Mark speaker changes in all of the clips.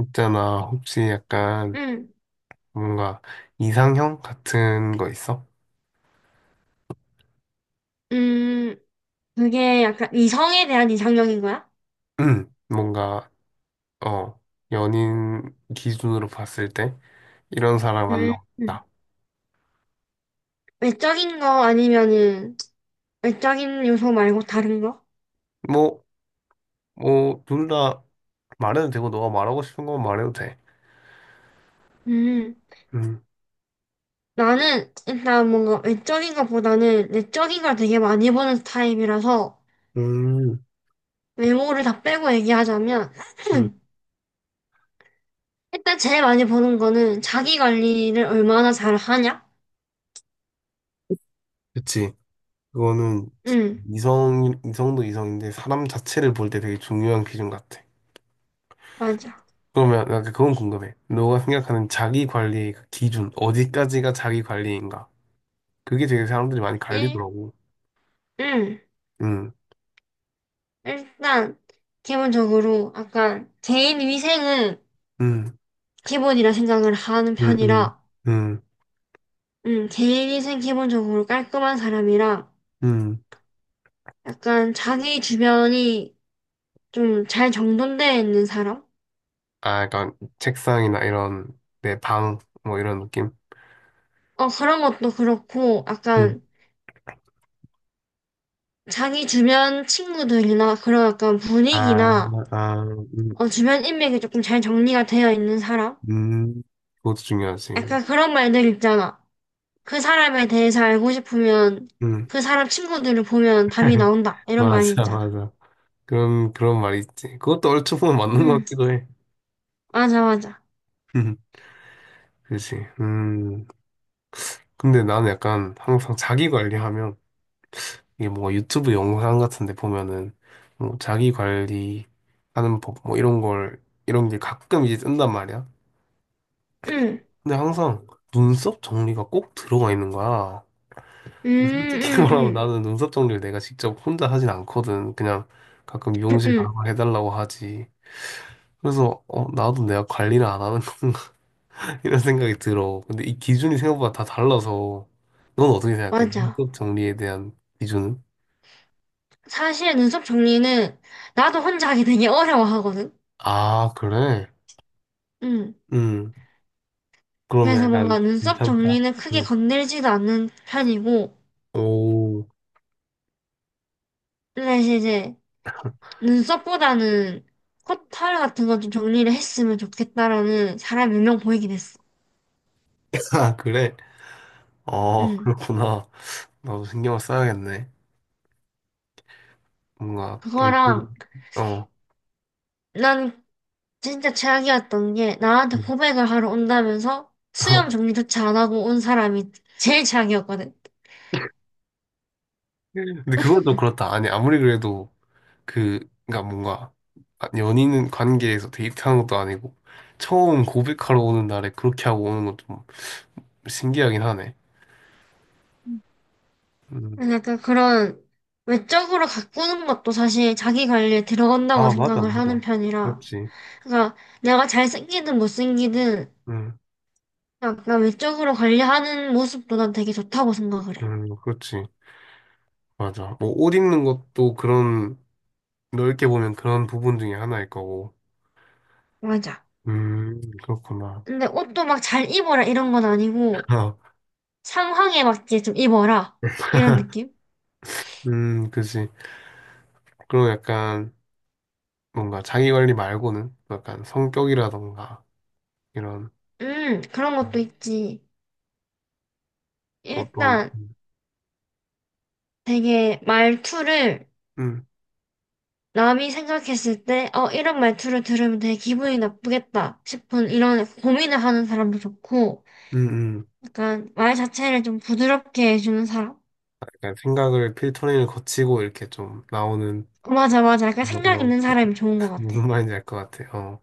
Speaker 1: 있잖아, 혹시 약간
Speaker 2: 응.
Speaker 1: 뭔가 이상형 같은 거 있어?
Speaker 2: 음, 그게 약간 이성에 대한 이상형인 거야?
Speaker 1: 뭔가, 어, 연인 기준으로 봤을 때 이런 사람
Speaker 2: 음.
Speaker 1: 만나고
Speaker 2: 음.
Speaker 1: 싶다.
Speaker 2: 외적인 거 아니면은 외적인 요소 말고 다른 거?
Speaker 1: 뭐, 뭐, 둘 다 말해도 되고, 너가 말하고 싶은 건 말해도 돼.
Speaker 2: 음,
Speaker 1: 음,
Speaker 2: 나는 일단 뭔가 외적인 것보다는 내적인 걸 되게 많이 보는 타입이라서
Speaker 1: 음,
Speaker 2: 외모를 다 빼고 얘기하자면
Speaker 1: 음,
Speaker 2: 일단 제일 많이 보는 거는 자기 관리를 얼마나 잘 하냐?
Speaker 1: 그치. 그거는
Speaker 2: 응.
Speaker 1: 이성, 이성도 이성인데 사람 자체를 볼 때 되게 중요한 기준 같아.
Speaker 2: 맞아.
Speaker 1: 그러면, 나 그건 궁금해. 너가 생각하는 자기 관리의 그 기준, 어디까지가 자기 관리인가? 그게 되게 사람들이 많이
Speaker 2: 일,
Speaker 1: 갈리더라고.
Speaker 2: 응.
Speaker 1: 음,
Speaker 2: 일단 기본적으로 약간 개인 위생은
Speaker 1: 음,
Speaker 2: 기본이라 생각을 하는
Speaker 1: 음, 음,
Speaker 2: 편이라,
Speaker 1: 음,
Speaker 2: 개인위생 기본적으로 깔끔한 사람이랑,
Speaker 1: 음.
Speaker 2: 약간 자기 주변이 좀 잘 정돈되어 있는 사람?
Speaker 1: 아, 약간 책상이나 이런 내 방, 뭐 이런 느낌?
Speaker 2: 어, 그런 것도 그렇고,
Speaker 1: 음.
Speaker 2: 약간 자기 주변 친구들이나 그런 약간
Speaker 1: 아,
Speaker 2: 분위기나,
Speaker 1: 아, 음,
Speaker 2: 어, 주변 인맥이 조금 잘 정리가 되어 있는 사람?
Speaker 1: 음. 그것도 중요하지.
Speaker 2: 약간 그런 말들 있잖아. 그 사람에 대해서 알고 싶으면,
Speaker 1: 음.
Speaker 2: 그 사람 친구들을 보면 답이 나온다. 이런 말이
Speaker 1: 맞아,
Speaker 2: 있잖아.
Speaker 1: 맞아. 그런 말이 있지. 그것도 얼추 보면 맞는 것
Speaker 2: 응,
Speaker 1: 같기도 해.
Speaker 2: 맞아, 맞아.
Speaker 1: 그렇지. 음. 근데 나는 약간 항상 자기 관리하면 이게 뭔가 유튜브 영상 같은 데 보면은 뭐 자기 관리하는 법 뭐 이런 게 가끔 이제 뜬단 말이야.
Speaker 2: 응.
Speaker 1: 근데 항상 눈썹 정리가 꼭 들어가 있는 거야.
Speaker 2: 음,
Speaker 1: 솔직히
Speaker 2: 음,
Speaker 1: 말하면
Speaker 2: 음.
Speaker 1: 나는 눈썹 정리를 내가 직접 혼자 하진 않거든. 그냥 가끔 미용실
Speaker 2: 응,
Speaker 1: 가고 해달라고 하지. 그래서 어 나도 내가 관리를 안 하는 건가 이런 생각이 들어. 근데 이 기준이 생각보다 다 달라서 넌 어떻게 생각해?
Speaker 2: 맞아.
Speaker 1: 눈썹 정리에 대한 기준은?
Speaker 2: 사실 눈썹 정리는 나도 혼자 하기 되게 어려워하거든.
Speaker 1: 아 그래?
Speaker 2: 응.
Speaker 1: 음. 그러면
Speaker 2: 그래서 뭔가
Speaker 1: 약간
Speaker 2: 눈썹
Speaker 1: 괜찮다.
Speaker 2: 정리는 크게
Speaker 1: 응.
Speaker 2: 건들지도 않는 편이고,
Speaker 1: 오,
Speaker 2: 사실 이제 눈썹보다는 코털 같은 거 좀 정리를 했으면 좋겠다라는 사람 몇 명 보이긴 했어.
Speaker 1: 아, 그래? 어,
Speaker 2: 응.
Speaker 1: 그렇구나. 나도 신경을 써야겠네. 뭔가, 개꿀,
Speaker 2: 그거랑
Speaker 1: 어.
Speaker 2: 난 진짜 최악이었던 게 나한테
Speaker 1: 응.
Speaker 2: 고백을 하러 온다면서 수염 정리조차 안 하고 온 사람이 제일 최악이었거든.
Speaker 1: 근데 그건 또 그렇다. 아니, 아무리 그래도 그, 그니까 뭔가, 아, 연인 관계에서 데이트하는 것도 아니고, 처음 고백하러 오는 날에 그렇게 하고 오는 건 좀 신기하긴 하네. 음.
Speaker 2: 근데 약간 그런 외적으로 가꾸는 것도 사실 자기 관리에 들어간다고
Speaker 1: 아, 맞아,
Speaker 2: 생각을
Speaker 1: 맞아.
Speaker 2: 하는 편이라.
Speaker 1: 그렇지.
Speaker 2: 그러니까 내가 잘생기든 못생기든
Speaker 1: 응,
Speaker 2: 약간 외적으로 관리하는 모습도 난 되게 좋다고 생각을 해.
Speaker 1: 응, 그렇지. 맞아. 뭐, 옷 입는 것도 그런, 넓게 보면 그런 부분 중에 하나일 거고.
Speaker 2: 맞아.
Speaker 1: 그렇구나.
Speaker 2: 근데 옷도 막 잘 입어라 이런 건 아니고
Speaker 1: 어,
Speaker 2: 상황에 맞게 좀 입어라 이런 느낌?
Speaker 1: 그지. 그리고 약간 뭔가 자기 관리 말고는 약간 성격이라던가 이런
Speaker 2: 그런
Speaker 1: 음,
Speaker 2: 것도 있지.
Speaker 1: 어떤,
Speaker 2: 일단 되게 말투를
Speaker 1: 음,
Speaker 2: 남이 생각했을 때, 이런 말투를 들으면 되게 기분이 나쁘겠다 싶은 이런 고민을 하는 사람도 좋고,
Speaker 1: 음.
Speaker 2: 약간 말 자체를 좀 부드럽게 해주는 사람?
Speaker 1: 약간 생각을 필터링을 거치고 이렇게 좀 나오는,
Speaker 2: 맞아, 맞아. 약간
Speaker 1: 어,
Speaker 2: 생각
Speaker 1: 어,
Speaker 2: 있는 사람이 좋은 것 같아.
Speaker 1: 무슨 말인지 알 것 같아. 어,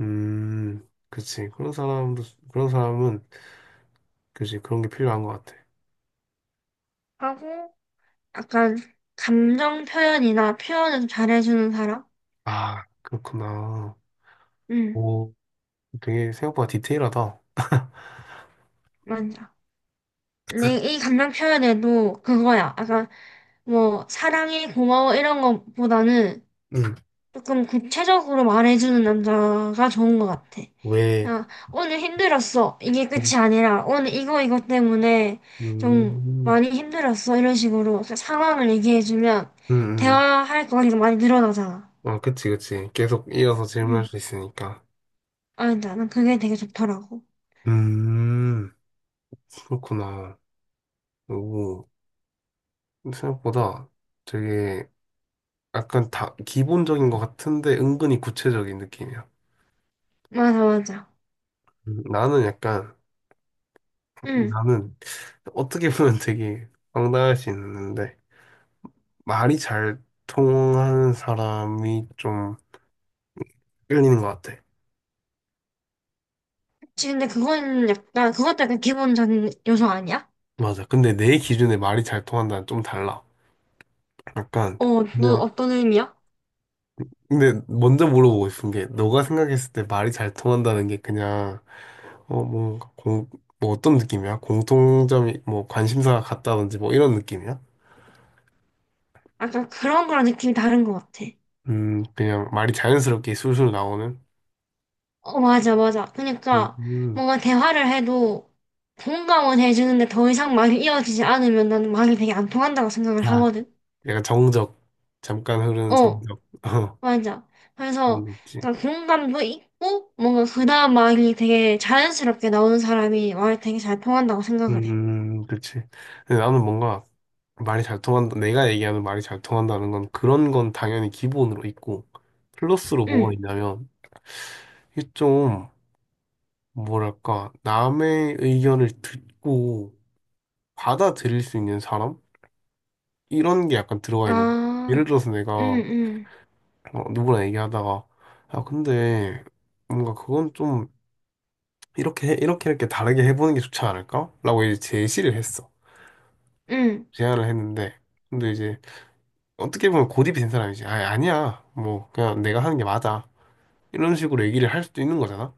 Speaker 1: 그치. 그런 사람도, 그런 사람은, 그지. 그런 게 필요한 것 같아.
Speaker 2: 하고, 약간 감정 표현이나 표현을 좀 잘해주는 사람?
Speaker 1: 아, 그렇구나.
Speaker 2: 응,
Speaker 1: 오, 되게 생각보다 디테일하다.
Speaker 2: 맞아. 근데 이 감정 표현에도 그거야. 약간 뭐, 사랑해, 고마워 이런 것보다는
Speaker 1: 음.
Speaker 2: 조금 구체적으로 말해주는 남자가 좋은 것 같아.
Speaker 1: 왜,
Speaker 2: 아, 오늘 힘들었어. 이게
Speaker 1: 음,
Speaker 2: 끝이 아니라, 오늘 이거, 이거 때문에 좀
Speaker 1: 음,
Speaker 2: 많이 힘들었어. 이런 식으로 상황을 얘기해주면,
Speaker 1: 음.
Speaker 2: 대화할 거리가 많이 늘어나잖아.
Speaker 1: 아, 그치, 그치. 계속 이어서 질문할
Speaker 2: 응.
Speaker 1: 수 있으니까.
Speaker 2: 아니다, 난 그게 되게 좋더라고.
Speaker 1: 음, 그렇구나. 오, 생각보다 되게 약간 다 기본적인 것 같은데 은근히 구체적인 느낌이야.
Speaker 2: 맞아, 맞아.
Speaker 1: 음, 나는 약간,
Speaker 2: 응.
Speaker 1: 나는 어떻게 보면 되게 황당할 수 있는데 말이 잘 통하는 사람이 좀 끌리는 것 같아.
Speaker 2: 혹시 근데 그건 약간, 그것도 약간 기본적인 요소 아니야?
Speaker 1: 맞아. 근데 내 기준에 말이 잘 통한다는 좀 달라. 약간,
Speaker 2: 어, 너 어떤 의미야?
Speaker 1: 근데 먼저 물어보고 싶은 게 너가 생각했을 때 말이 잘 통한다는 게 그냥 어 뭔가 공 뭐 어떤 느낌이야? 공통점이 뭐 관심사가 같다든지 뭐 이런 느낌이야?
Speaker 2: 약간 그런 거랑 느낌이 다른 것 같아.
Speaker 1: 그냥 말이 자연스럽게 술술 나오는
Speaker 2: 어, 맞아, 맞아. 그러니까
Speaker 1: 음
Speaker 2: 뭔가 대화를 해도 공감은 해주는데 더 이상 말이 이어지지 않으면 나는 말이 되게 안 통한다고 생각을
Speaker 1: 아.
Speaker 2: 하거든.
Speaker 1: 약간 정적 잠깐 흐르는
Speaker 2: 어,
Speaker 1: 정적 어
Speaker 2: 맞아.
Speaker 1: 그런
Speaker 2: 그래서
Speaker 1: 게 있지
Speaker 2: 그러니까 공감도 있고 뭔가 그 다음 말이 되게 자연스럽게 나오는 사람이 말이 되게 잘 통한다고 생각을 해.
Speaker 1: 그치 근데 나는 뭔가 말이 잘 통한다 내가 얘기하는 말이 잘 통한다는 건 그런 건 당연히 기본으로 있고 플러스로 뭐가
Speaker 2: 응.
Speaker 1: 있냐면 이게 좀 뭐랄까, 남의 의견을 듣고 받아들일 수 있는 사람? 이런 게 약간 들어가 있는. 예를
Speaker 2: 아,
Speaker 1: 들어서
Speaker 2: 응,
Speaker 1: 내가
Speaker 2: 응,
Speaker 1: 어, 누구랑 얘기하다가, 아, 근데 뭔가 그건 좀 이렇게, 이렇게, 이렇게 다르게 해보는 게 좋지 않을까? 라고 이제 제시를 했어.
Speaker 2: 응,
Speaker 1: 제안을 했는데. 근데 이제 어떻게 보면 고집이 된 사람이지. 아, 아니야. 뭐, 그냥 내가 하는 게 맞아. 이런 식으로 얘기를 할 수도 있는 거잖아.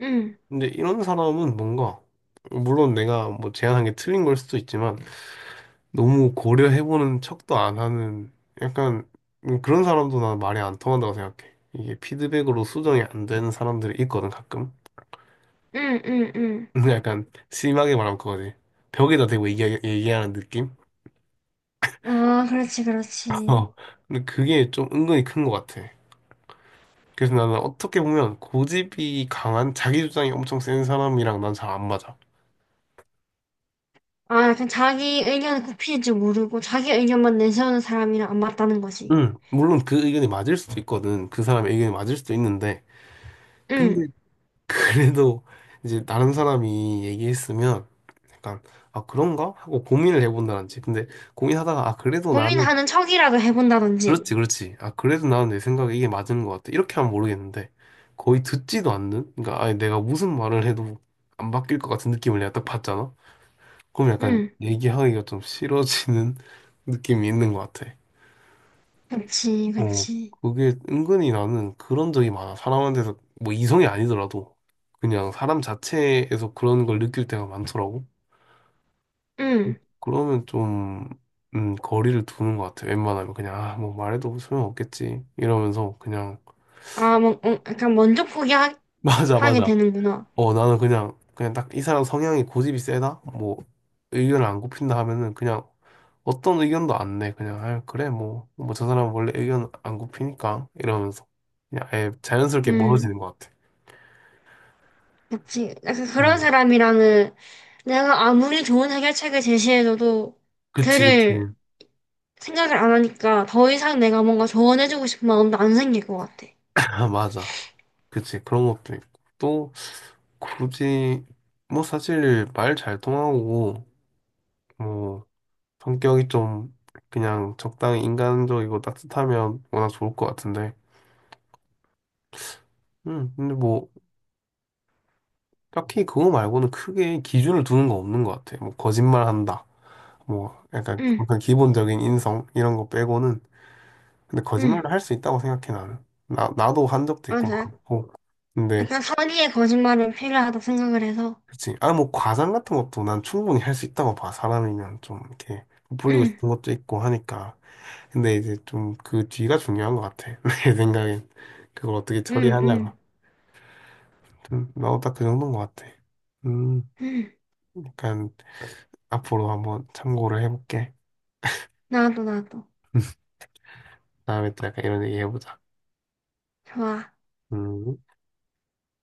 Speaker 2: 응,
Speaker 1: 근데 이런 사람은 뭔가, 물론 내가 뭐 제안한 게 틀린 걸 수도 있지만, 너무 고려해보는 척도 안 하는 약간 그런 사람도 난 말이 안 통한다고 생각해. 이게 피드백으로 수정이 안 되는 사람들이 있거든 가끔.
Speaker 2: 응, 응, 응.
Speaker 1: 근데 약간 심하게 말하면 그거지. 벽에다 대고 얘기하는 느낌?
Speaker 2: 아, 그렇지, 그렇지.
Speaker 1: 어. 근데 그게 좀 은근히 큰 것 같아. 그래서 나는 어떻게 보면 고집이 강한 자기 주장이 엄청 센 사람이랑 난 잘 안 맞아.
Speaker 2: 아, 약간 자기 의견을 굽힐 줄 모르고 자기 의견만 내세우는 사람이랑 안 맞다는 거지.
Speaker 1: 응, 물론 그 의견이 맞을 수도 있거든. 그 사람의 의견이 맞을 수도 있는데.
Speaker 2: 응.
Speaker 1: 근데 그래도 이제 다른 사람이 얘기했으면 약간 아 그런가 하고 고민을 해본다든지 근데 고민하다가 아 그래도 나는
Speaker 2: 고민하는 척이라도 해본다든지.
Speaker 1: 그렇지 그렇지 아 그래도 나는 내 생각에 이게 맞는 것 같아 이렇게 하면 모르겠는데 거의 듣지도 않는 그러니까 아니 내가 무슨 말을 해도 안 바뀔 것 같은 느낌을 내가 딱 받잖아 그럼 약간
Speaker 2: 응.
Speaker 1: 얘기하기가 좀 싫어지는 느낌이 있는 것 같아
Speaker 2: 그렇지,
Speaker 1: 어,
Speaker 2: 그렇지.
Speaker 1: 그게 은근히 나는 그런 적이 많아. 사람한테서, 뭐 이성이 아니더라도, 그냥 사람 자체에서 그런 걸 느낄 때가 많더라고.
Speaker 2: 응.
Speaker 1: 그러면 좀, 거리를 두는 것 같아. 웬만하면 그냥, 아, 뭐 말해도 소용없겠지. 이러면서 그냥,
Speaker 2: 아, 뭐, 어, 약간 먼저 포기하게
Speaker 1: 맞아, 맞아.
Speaker 2: 되는구나.
Speaker 1: 어, 나는 그냥, 그냥 딱 이 사람 성향이 고집이 세다? 뭐, 의견을 안 굽힌다 하면은 그냥 어떤 의견도 안 내. 그냥, 아, 그래, 뭐, 뭐 저 사람 원래 의견 안 굽히니까. 이러면서. 그냥 아예 자연스럽게
Speaker 2: 응.
Speaker 1: 멀어지는 것 같아.
Speaker 2: 그렇지. 약간
Speaker 1: 음,
Speaker 2: 그런 사람이랑은 내가 아무리 좋은 해결책을 제시해줘도
Speaker 1: 그치, 그치.
Speaker 2: 그를 생각을 안 하니까 더 이상 내가 뭔가 조언해주고 싶은 마음도 안 생길 것 같아.
Speaker 1: 아, 맞아. 그치. 그런 것도 있고. 또, 굳이, 뭐, 사실, 말 잘 통하고, 뭐, 성격이 좀, 그냥 적당히 인간적이고 따뜻하면 워낙 좋을 것 같은데. 근데 뭐, 딱히 그거 말고는 크게 기준을 두는 거 없는 것 같아. 뭐, 거짓말 한다. 뭐, 약간,
Speaker 2: 응,
Speaker 1: 약간 기본적인 인성, 이런 거 빼고는. 근데
Speaker 2: 응,
Speaker 1: 거짓말을 할 수 있다고 생각해, 나는. 나도 한 적도 있고
Speaker 2: 맞아.
Speaker 1: 많고. 근데,
Speaker 2: 약간 선의의 거짓말은 필요하다 생각을 해서.
Speaker 1: 그치. 아, 뭐, 과장 같은 것도 난 충분히 할 수 있다고 봐. 사람이면 좀 이렇게 부풀리고
Speaker 2: 응,
Speaker 1: 싶은 것도 있고 하니까. 근데 이제 좀 그 뒤가 중요한 것 같아. 내 생각엔. 그걸 어떻게
Speaker 2: 응,
Speaker 1: 처리하냐가.
Speaker 2: 응,
Speaker 1: 나도 딱 그 정도인 것 같아. 음,
Speaker 2: 응.
Speaker 1: 약간 앞으로 한번 참고를 해볼게.
Speaker 2: 나도, 나도.
Speaker 1: 다음에 또 약간 이런 얘기 해보자.
Speaker 2: 좋아.
Speaker 1: 음.